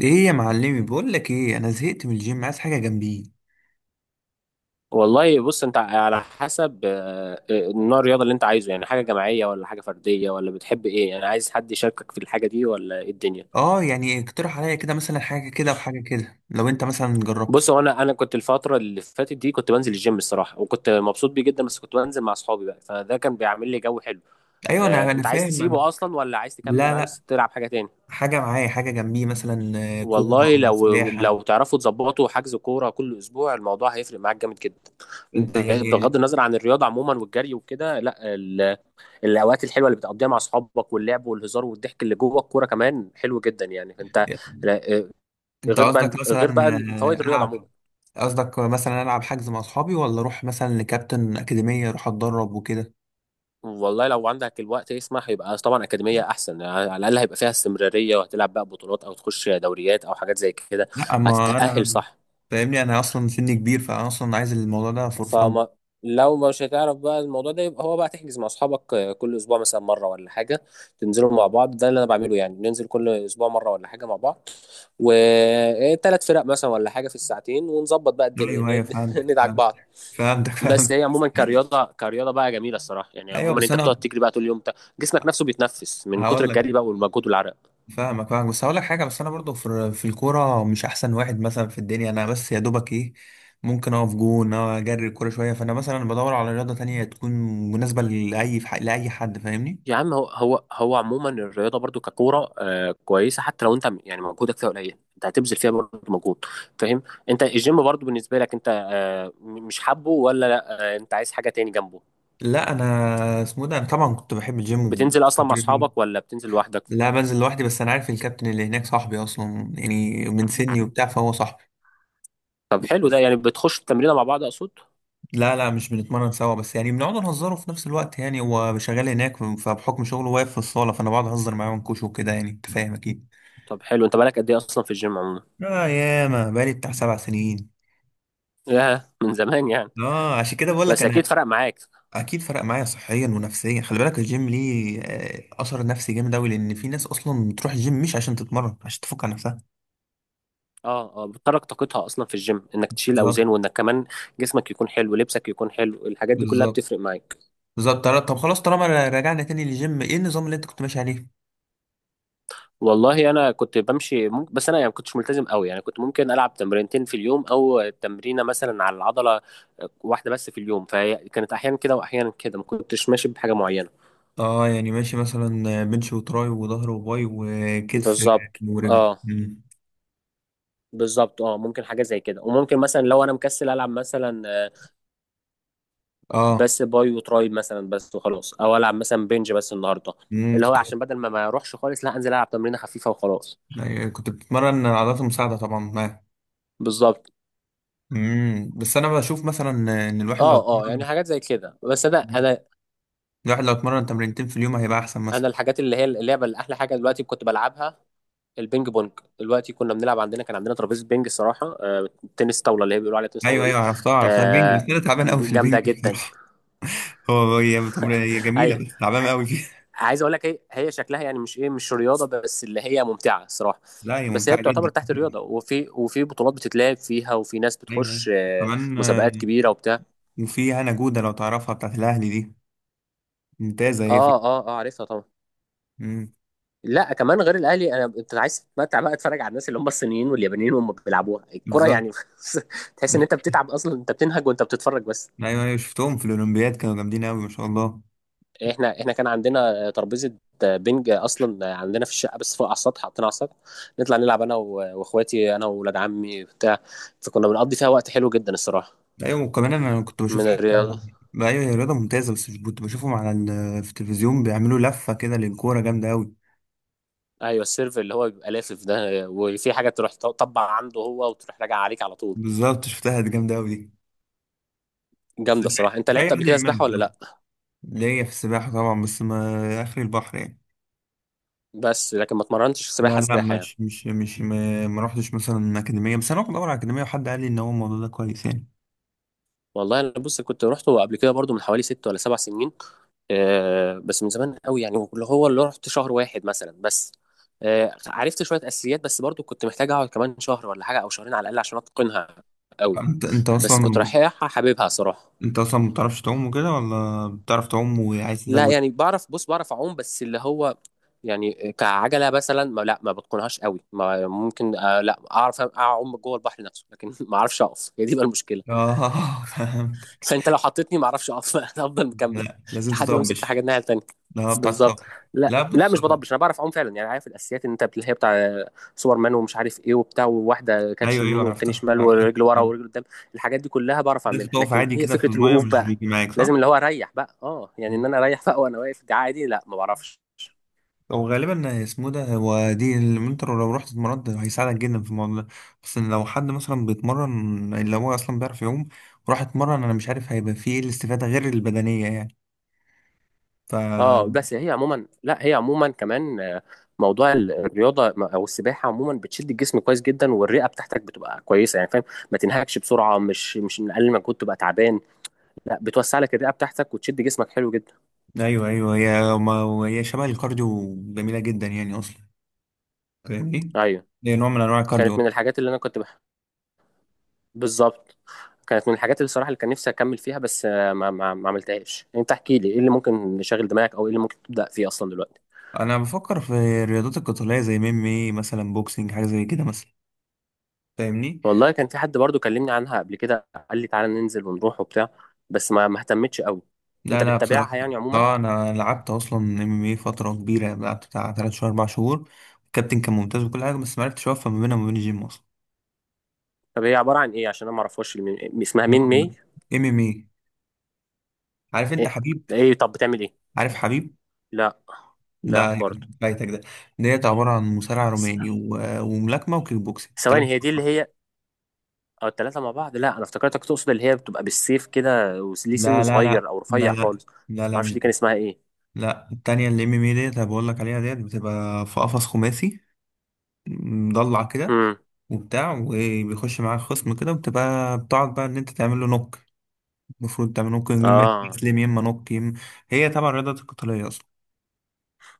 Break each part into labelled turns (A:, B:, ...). A: ايه يا معلمي، بقول لك ايه، انا زهقت من الجيم، عايز حاجه جنبي.
B: والله بص انت على حسب نوع الرياضه اللي انت عايزه، يعني حاجه جماعيه ولا حاجه فرديه، ولا بتحب ايه؟ يعني عايز حد يشاركك في الحاجه دي ولا ايه الدنيا؟
A: اه، يعني اقترح عليا كده مثلا حاجه كده وحاجه كده لو انت مثلا جربت.
B: بص، هو انا كنت الفتره اللي فاتت دي كنت بنزل الجيم الصراحه، وكنت مبسوط بيه جدا، بس كنت بنزل مع اصحابي بقى، فده كان بيعمل لي جو حلو.
A: ايوه، انا
B: انت عايز
A: فاهم انا.
B: تسيبه اصلا ولا عايز تكمل
A: لا،
B: معاه
A: لا،
B: بس تلعب حاجه تاني؟
A: حاجه معايا، حاجه جنبي مثلا. آه، كوره،
B: والله لو
A: سباحه.
B: لو تعرفوا تظبطوا حجز كوره كل اسبوع الموضوع هيفرق معاك جامد جدا.
A: انت يعني؟
B: بغض النظر عن الرياضه عموما، والجري وكده، لا الاوقات الحلوه اللي بتقضيها مع اصحابك، واللعب والهزار والضحك اللي جوه الكوره، كمان حلو جدا يعني انت. لا- آه،
A: انت
B: غير بقى،
A: قصدك مثلا
B: غير بقى فوائد الرياضه
A: العب؟
B: عموما.
A: قصدك مثلا العب حجز مع اصحابي، ولا اروح مثلا لكابتن اكاديميه اروح اتدرب وكده؟
B: والله لو عندك الوقت يسمح يبقى طبعا اكاديميه احسن، يعني على الاقل هيبقى فيها استمراريه وهتلعب بقى بطولات او تخش دوريات او حاجات زي كده.
A: لا، ما
B: هتتاهل،
A: انا.
B: صح؟
A: فاهمني، انا اصلا سني كبير، فانا اصلا عايز الموضوع ده فور فن.
B: فما. لو مش هتعرف بقى الموضوع ده، يبقى هو بقى تحجز مع اصحابك كل اسبوع مثلا مره ولا حاجه. تنزلوا مع بعض. ده اللي انا بعمله، يعني ننزل كل اسبوع مره ولا حاجه مع بعض. وثلاث فرق مثلا ولا حاجه في الساعتين، ونظبط بقى الدنيا
A: ايوه، ايوه، فهمتك،
B: ندعك بعض.
A: فهمتك،
B: بس
A: فهمتك.
B: هي عموما كرياضه، كرياضه بقى جميله الصراحه، يعني
A: ايوه،
B: عموما
A: بس
B: انت بتقعد
A: انا.
B: تجري بقى طول اليوم انت. جسمك نفسه بيتنفس من كتر
A: هقول لك،
B: الجري بقى والمجهود والعرق.
A: فاهمك، فاهمك، بس هقول لك حاجه، بس انا برضو في الكوره مش احسن واحد مثلا في الدنيا، انا بس يا دوبك ايه. ممكن اقف جون أو اجري الكوره شويه، فانا مثلا بدور على رياضه تانية تكون مناسبه لاي حد، فاهمني.
B: يا عم، هو عموما الرياضه برضو ككوره كويسه، حتى لو انت يعني مجهودك فيها قليل، انت هتبذل فيها برضو مجهود. فاهم؟ انت الجيم برضو بالنسبه لك انت مش حابه ولا لا، انت عايز حاجه تاني جنبه؟
A: لا، انا اسمه إيه ده، انا طبعا كنت بحب الجيم
B: بتنزل اصلا مع
A: وبستمر فيه.
B: اصحابك ولا بتنزل لوحدك؟
A: لا، بنزل لوحدي، بس انا عارف الكابتن اللي هناك صاحبي اصلا، يعني من سني وبتاع، فهو صاحبي.
B: طب حلو، ده يعني بتخش التمرين مع بعض، اقصد؟
A: لا، لا، مش بنتمرن سوا، بس يعني بنقعد نهزره في نفس الوقت، يعني هو شغال هناك، فبحكم شغله واقف في الصالة، فأنا بقعد أهزر معاه ونكوشه وكده، يعني أنت فاهم أكيد.
B: طب حلو، انت بقالك قد ايه اصلا في الجيم عموما؟
A: آه، ياما بقالي بتاع 7 سنين.
B: ياه، من زمان يعني.
A: آه، عشان كده بقول لك
B: بس اكيد
A: أنا.
B: فرق معاك.
A: أكيد فرق معايا صحيا ونفسيا. خلي بالك الجيم ليه أثر نفسي جامد أوي، لأن في ناس أصلا بتروح الجيم مش عشان تتمرن، عشان تفك عن نفسها.
B: اه اه، بتترك طاقتها اصلا في الجيم انك تشيل
A: بالظبط.
B: اوزان، وانك كمان جسمك يكون حلو، لبسك يكون حلو، الحاجات دي كلها
A: بالظبط.
B: بتفرق معاك.
A: بالظبط. طب خلاص، طالما رجعنا تاني للجيم، إيه النظام اللي أنت كنت ماشي عليه؟
B: والله انا كنت بمشي ممكن، بس انا يعني ما كنتش ملتزم قوي، يعني كنت ممكن العب تمرينتين في اليوم، او تمرينه مثلا على العضله واحده بس في اليوم، فهي كانت احيانا كده واحيانا كده، ما كنتش ماشي بحاجه معينه.
A: اه، يعني ماشي مثلا بنش وتراي وظهر وباي وكتف
B: بالظبط.
A: ورجل
B: اه.
A: مم.
B: بالظبط، اه، ممكن حاجه زي كده، وممكن مثلا لو انا مكسل العب مثلا
A: اه.
B: بس باي وتراي مثلا، بس وخلاص، او العب مثلا بنج بس النهارده. اللي هو
A: كنت.
B: عشان بدل ما اروحش خالص، لا، انزل العب تمرينه خفيفه وخلاص.
A: أيوة، كنت بتمرن عضلات المساعدة طبعا معاه.
B: بالظبط.
A: بس انا بشوف مثلا ان
B: اه اه، يعني حاجات زي كده، بس انا
A: الواحد لو اتمرن تمرينتين في اليوم هيبقى احسن مثلا.
B: انا الحاجات اللي هي اللعبه اللي احلى حاجه دلوقتي كنت بلعبها، البينج بونج. دلوقتي كنا بنلعب عندنا، كان عندنا ترابيزه بينج الصراحه، تنس طاوله اللي هي بيقولوا عليها تنس
A: ايوه،
B: طاوله دي.
A: ايوه، عرفتها، عرفتها البنج، بس
B: آه،
A: انا تعبان قوي في البنج
B: جامده جدا.
A: بصراحة. هو هي تمر- هي جميلة،
B: اي،
A: بس تعبان قوي فيها.
B: عايز اقول لك هي شكلها يعني مش ايه، مش رياضه، بس اللي هي ممتعه الصراحه.
A: لا، هي
B: بس هي
A: ممتعة
B: بتعتبر
A: جدا
B: تحت
A: جدا.
B: الرياضه، وفي بطولات بتتلعب فيها، وفي ناس
A: ايوه، ايوه،
B: بتخش
A: كمان.
B: مسابقات كبيره وبتاع.
A: وفي هنا جودة لو تعرفها، بتاعت الاهلي دي، ممتازة هي
B: اه
A: فيها.
B: اه اه، عارفها طبعا.
A: مم.
B: لا كمان غير الاهلي، انت عايز تتمتع بقى، اتفرج على الناس اللي هم الصينيين واليابانيين وهم بيلعبوها الكرة
A: بالظبط.
B: يعني. تحس ان انت بتتعب اصلا، انت بتنهج وانت بتتفرج بس.
A: ايوه، ايوه، شفتهم في الاولمبياد كانوا جامدين قوي ما شاء الله.
B: احنا كان عندنا ترابيزه بنج اصلا عندنا في الشقه، بس فوق على السطح حاطينها على السطح. نطلع نلعب انا و- واخواتي، انا واولاد عمي بتاع. فكنا بنقضي فيها وقت حلو جدا الصراحه.
A: ايوه، وكمان انا كنت بشوف
B: من
A: حد.
B: الرياضه.
A: ايوه، هي رياضه ممتازه، بس كنت بشوفهم في التلفزيون بيعملوا لفه كده للكوره جامده قوي.
B: ايوه، السيرف اللي هو بيبقى لافف ده، وفي حاجه تروح تطبع عنده هو، وتروح راجع عليك على طول.
A: بالظبط، شفتها دي، جامده قوي دي. بس
B: جامده
A: مش
B: الصراحه. انت
A: مش اي
B: لعبت قبل
A: حد
B: كده
A: يعملها
B: سباحه ولا
A: بصراحه.
B: لا؟
A: ليا في السباحه طبعا، بس ما اخر البحر يعني.
B: بس لكن ما اتمرنتش
A: لا،
B: سباحه
A: لا،
B: سباحه يعني.
A: مش مش مش ما رحتش مثلا اكاديميه، بس انا كنت بدور على اكاديميه، وحد قال لي ان هو الموضوع ده كويس يعني.
B: والله انا بص، كنت رحته قبل كده برضو من حوالي 6 ولا 7 سنين. بس من زمان قوي يعني، اللي هو اللي رحت شهر واحد مثلا بس. عرفت شويه اساسيات، بس برضو كنت محتاج اقعد كمان شهر ولا حاجه او شهرين على الاقل عشان اتقنها قوي.
A: انت
B: بس كنت
A: اصلا.
B: رايحها حاببها صراحه.
A: انت اصلا ما بتعرفش تعوم وكده، ولا بتعرف تعوم وعايز
B: لا
A: تزود؟
B: يعني بعرف، بص، بعرف اعوم، بس اللي هو يعني كعجله مثلا ما بتقنهاش قوي، ما ممكن لا اعرف اعوم جوه البحر نفسه، لكن ما اعرفش اقف، هي دي بقى المشكله.
A: اه. فهمت.
B: فانت لو حطيتني ما اعرفش اقف. انا افضل مكمل
A: لا، لازم
B: لحد ما امسك في حاجه
A: تطبش.
B: الناحيه التانيه.
A: لا، هو بتاع
B: بالظبط.
A: تطبش.
B: لا،
A: لا،
B: لا،
A: بص.
B: مش بضبش، انا بعرف اعوم فعلا، يعني عارف الاساسيات ان انت اللي هي بتاع سوبر مان ومش عارف ايه وبتاع، وواحده كاتش
A: ايوه، ايوه،
B: يمين والتاني
A: عرفتها،
B: شمال،
A: عرفتها.
B: ورجل ورا
A: آه.
B: ورجل قدام. الحاجات دي كلها بعرف
A: لازم
B: اعملها،
A: تقف
B: لكن
A: عادي
B: هي
A: كده في
B: فكره
A: المايه،
B: الوقوف
A: مش
B: بقى.
A: بيجي معاك
B: لازم
A: صح؟
B: اللي هو اريح بقى، اه يعني ان
A: مم.
B: انا اريح بقى وانا واقف دي عادي، لا ما بعرفش.
A: هو غالبا اسمه ده، هو دي اللي انت لو رحت اتمرنت هيساعدك جدا في الموضوع ده. بس إن لو حد مثلا بيتمرن، اللي هو اصلا بيعرف يعوم. وراح اتمرن، انا مش عارف هيبقى فيه ايه الاستفاده غير البدنيه، يعني. ف
B: اه، بس هي عموما، لا هي عموما كمان، موضوع الرياضه او السباحه عموما بتشد الجسم كويس جدا، والرئه بتاعتك بتبقى كويسه، يعني فاهم؟ ما تنهكش بسرعه، مش من اقل ما كنت تبقى تعبان. لا، بتوسع لك الرئه بتاعتك وتشد جسمك حلو جدا.
A: ايوه، ايوه، هي ما هي شبه الكارديو جميله جدا يعني اصلا. فاهمني؟
B: ايوه،
A: هي نوع من انواع
B: كانت
A: الكارديو.
B: من الحاجات اللي انا كنت بالظبط. كانت من الحاجات اللي صراحه اللي كان نفسي اكمل فيها، بس ما عملتهاش. انت احكي لي ايه اللي ممكن يشغل دماغك، او ايه اللي ممكن تبدا فيه اصلا دلوقتي؟
A: انا بفكر في الرياضات القتاليه زي ميمي مثلا، بوكسينج، حاجه زي كده مثلا. فاهمني.
B: والله كان في حد برضو كلمني عنها قبل كده، قال لي تعالى ننزل ونروح وبتاع، بس ما اهتمتش قوي.
A: لا،
B: انت
A: لا،
B: بتتابعها
A: بصراحه.
B: يعني عموما؟
A: اه، انا لعبت اصلا ام ام فتره كبيره، لعبت بتاع 3 شهور، 4 شهور. الكابتن كان ممتاز وكل حاجه، بس ما عرفتش اوفق ما بينها وما بين الجيم اصلا.
B: طب هي عبارة عن ايه؟ عشان انا ما اعرفهاش. اسمها مين، مي...؟
A: MMA. عارف انت
B: ايه؟
A: حبيب؟
B: إيه؟ طب بتعمل ايه؟
A: عارف حبيب؟
B: لا، لا
A: لا،
B: برضو.
A: فايتك ده. ديت عباره عن مصارع
B: س-
A: روماني و- وملاكمه وكيك بوكسينج،
B: ثواني،
A: التلاتة
B: هي دي اللي
A: فقط.
B: هي او الثلاثة مع بعض؟ لا انا افتكرتك تقصد اللي هي بتبقى بالسيف كده، وليه سن
A: لا، لا، لا،
B: صغير او
A: لا،
B: رفيع
A: لا،
B: خالص، ما
A: لا، لا،
B: اعرفش
A: مش
B: دي كان
A: دي.
B: اسمها ايه.
A: لا، التانية اللي MMA ديت، انا بقول لك عليها ديت بتبقى في قفص خماسي، مضلع كده،
B: امم.
A: وبتاع، وبيخش معاك خصم كده، وبتبقى بتقعد بقى ان انت تعمل له نوك. المفروض تعمل نوك يما.
B: اه،
A: تسلم يما، نوك يما. هي طبعا الرياضة القتالية اصلا.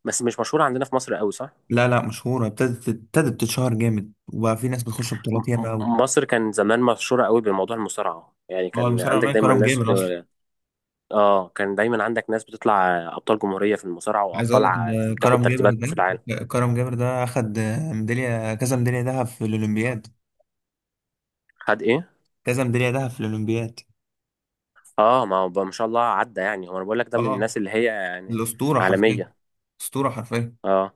B: بس مش مشهورة عندنا في مصر قوي، صح؟
A: لا، لا، مشهورة. ابتدت تتشهر جامد، وبقى في ناس بتخش
B: م-
A: بطولات
B: م-
A: ياما قوي.
B: مصر كان زمان مشهورة قوي بموضوع المصارعة، يعني
A: هو
B: كان
A: المصارع
B: عندك
A: الروماني
B: دايما
A: كرم
B: ناس.
A: جابر اصلا.
B: اه، كان دايما عندك ناس بتطلع ابطال جمهوريه في المصارعه،
A: عايز اقول
B: وابطال
A: لك ان
B: بتاخد
A: كرم جابر
B: ترتيبات
A: ده
B: في العالم.
A: كرم جابر ده اخد ميدالية، كذا ميدالية ذهب في الاولمبياد.
B: خد ايه؟
A: كذا ميدالية ذهب في الاولمبياد.
B: اه، ما هو بقى ما شاء الله عدى يعني، هو انا بقول لك ده من
A: اه،
B: الناس اللي هي يعني
A: الاسطورة حرفيا.
B: عالميه.
A: اسطورة حرفيا.
B: اه،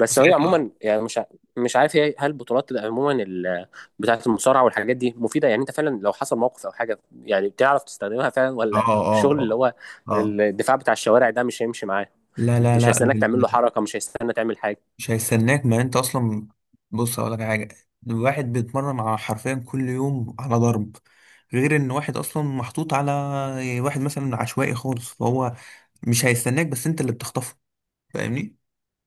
B: بس هي
A: وساعتها.
B: عموما يعني مش مش عارف هي، هل البطولات اللي عموما بتاعه المصارعه والحاجات دي مفيده؟ يعني انت فعلا لو حصل موقف او حاجه، يعني بتعرف تستخدمها فعلا،
A: اه،
B: ولا
A: اه،
B: الشغل اللي
A: اه.
B: هو
A: اه.
B: الدفاع بتاع الشوارع ده مش هيمشي معاه؟
A: لا، لا،
B: مش
A: لا،
B: هيستناك تعمل له
A: ال-
B: حركه، مش هيستنى تعمل حاجه.
A: مش هيستناك ما انت اصلا. بص، اقول لك حاجه. الواحد بيتمرن على حرفيا كل يوم على ضرب. غير ان واحد اصلا محطوط على واحد مثلا عشوائي خالص، فهو مش هيستناك، بس انت اللي بتخطفه. فاهمني.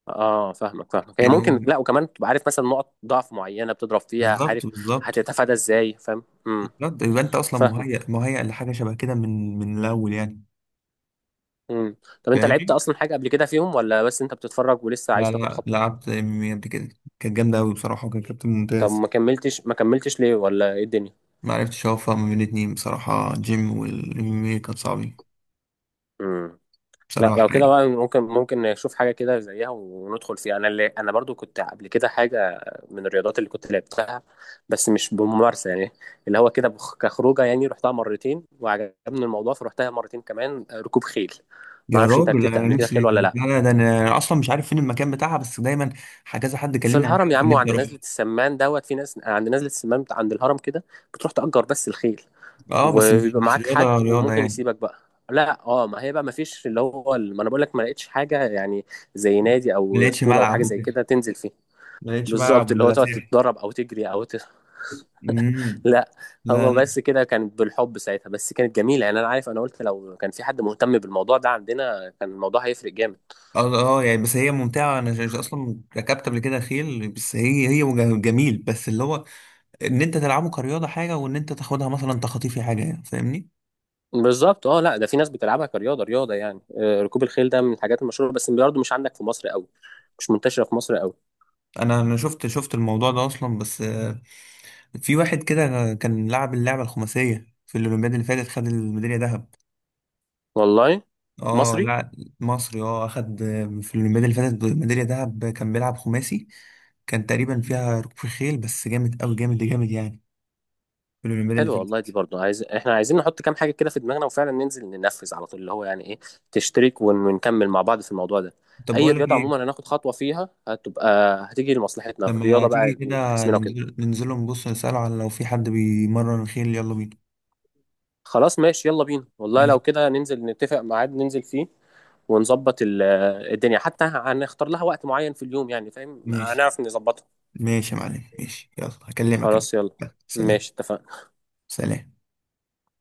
B: اه، فاهمك، فاهمك، هي
A: يعني هو.
B: ممكن، لا، وكمان تبقى عارف مثلا نقط ضعف معينه بتضرب فيها،
A: بالظبط،
B: عارف
A: بالظبط،
B: هتتفادى ازاي، فاهم؟
A: بالظبط، يبقى انت اصلا
B: فاهمك.
A: مهيأ، مهيأ لحاجه شبه كده من الاول يعني.
B: امم طب انت لعبت
A: فاهمني.
B: اصلا حاجه قبل كده فيهم، ولا بس انت بتتفرج ولسه
A: لا،
B: عايز تاخد
A: لا،
B: خطوه؟
A: لعبت MMA قبل كده. كانت جامده قوي بصراحه، وكان كابتن
B: طب
A: ممتاز.
B: ما كملتش ليه، ولا ايه الدنيا؟
A: ما عرفتش اوفق ما بين الاتنين بصراحه، جيم والام كان صعب.
B: امم. لا لو
A: بصراحة
B: كده
A: يعني.
B: بقى، ممكن نشوف حاجة كده زيها وندخل فيها، أنا برضو كنت قبل كده حاجة من الرياضات اللي كنت لعبتها، بس مش بممارسة يعني. اللي هو كده كخروجة يعني، رحتها مرتين وعجبني الموضوع، فروحتها مرتين كمان. ركوب خيل.
A: يا
B: معرفش، أنت
A: راجل،
B: ركبت
A: أنا
B: قبل كده
A: نفسي.
B: خيل ولا لأ؟
A: لا، لا، ده أنا أصلا مش عارف فين المكان بتاعها، بس دايما كذا حد
B: في
A: كلمني عليها،
B: الهرم يا
A: وكان
B: عم،
A: نفسي
B: وعند نزلة
A: أروحها.
B: السمان دوت. في ناس عند نزلة السمان عند الهرم كده، بتروح تأجر بس الخيل،
A: أه، بس مش
B: ويبقى
A: مش
B: معاك حد
A: رياضة رياضة
B: وممكن
A: يعني.
B: يسيبك بقى. لا اه، ما هي بقى ما فيش اللي هو ما انا بقول لك ما لقيتش حاجه يعني، زي نادي
A: ما
B: او
A: لقيتش
B: اسطوله او حاجه
A: ملعب
B: زي
A: وكده.
B: كده تنزل فيه.
A: ما لقيتش
B: بالظبط،
A: ملعب
B: اللي هو
A: ولا
B: تقعد
A: ساحة.
B: تتدرب او تجري او
A: أمم.
B: لا
A: لا،
B: هو
A: لا.
B: بس كده كان بالحب ساعتها، بس كانت جميله يعني، انا عارف، انا قلت لو كان في حد مهتم بالموضوع ده عندنا كان الموضوع هيفرق جامد.
A: أه، أه، يعني بس هي ممتعة، أنا أصلا ركبت قبل كده خيل، بس هي جميل، بس اللي هو إن أنت تلعبه كرياضة حاجة، وإن أنت تاخدها مثلا تخطيفي حاجة يعني، فاهمني؟
B: بالظبط، اه، لا ده في ناس بتلعبها كرياضه رياضه يعني، ركوب الخيل ده من الحاجات المشهوره، بس برضه مش عندك في مصر قوي. مش منتشره في مصر قوي.
A: أنا شفت الموضوع ده أصلا، بس في واحد كده كان لعب اللعبة الخماسية في الأولمبياد اللي فاتت، خد الميدالية ذهب.
B: والله؟
A: اه،
B: مصري؟
A: لا، مصري. اه، أخد. في الأولمبياد اللي فاتت، ميدالية ذهب، كان بيلعب خماسي. كان تقريبا فيها ركوب خيل، بس جامد أوي، جامد جامد يعني. في الأولمبياد اللي
B: حلو والله، دي
A: فاتت.
B: برضو احنا عايزين نحط كام حاجة كده في دماغنا وفعلا ننزل ننفذ على طول، اللي هو يعني ايه، تشترك ونكمل مع بعض في الموضوع ده.
A: طب،
B: اي
A: بقول لك
B: رياضة
A: إيه.
B: عموما هناخد خطوة فيها هتبقى، هتيجي لمصلحتنا في
A: لما
B: الرياضة بقى
A: تيجي كده
B: جسمنا وكده.
A: ننزل نبص نسأله على لو في حد بيمرن خيل، يلا بينا.
B: خلاص ماشي يلا بينا، والله لو
A: ماشي.
B: كده ننزل نتفق ميعاد ننزل فيه، ونظبط الدنيا، حتى هنختار لها وقت معين في اليوم يعني، فاهم؟
A: ماشي،
B: هنعرف نظبطها.
A: ماشي يا معلم، ماشي، يلا هكلمك أنا.
B: خلاص يلا.
A: يلا، سلام.
B: ماشي، اتفقنا.
A: سلام.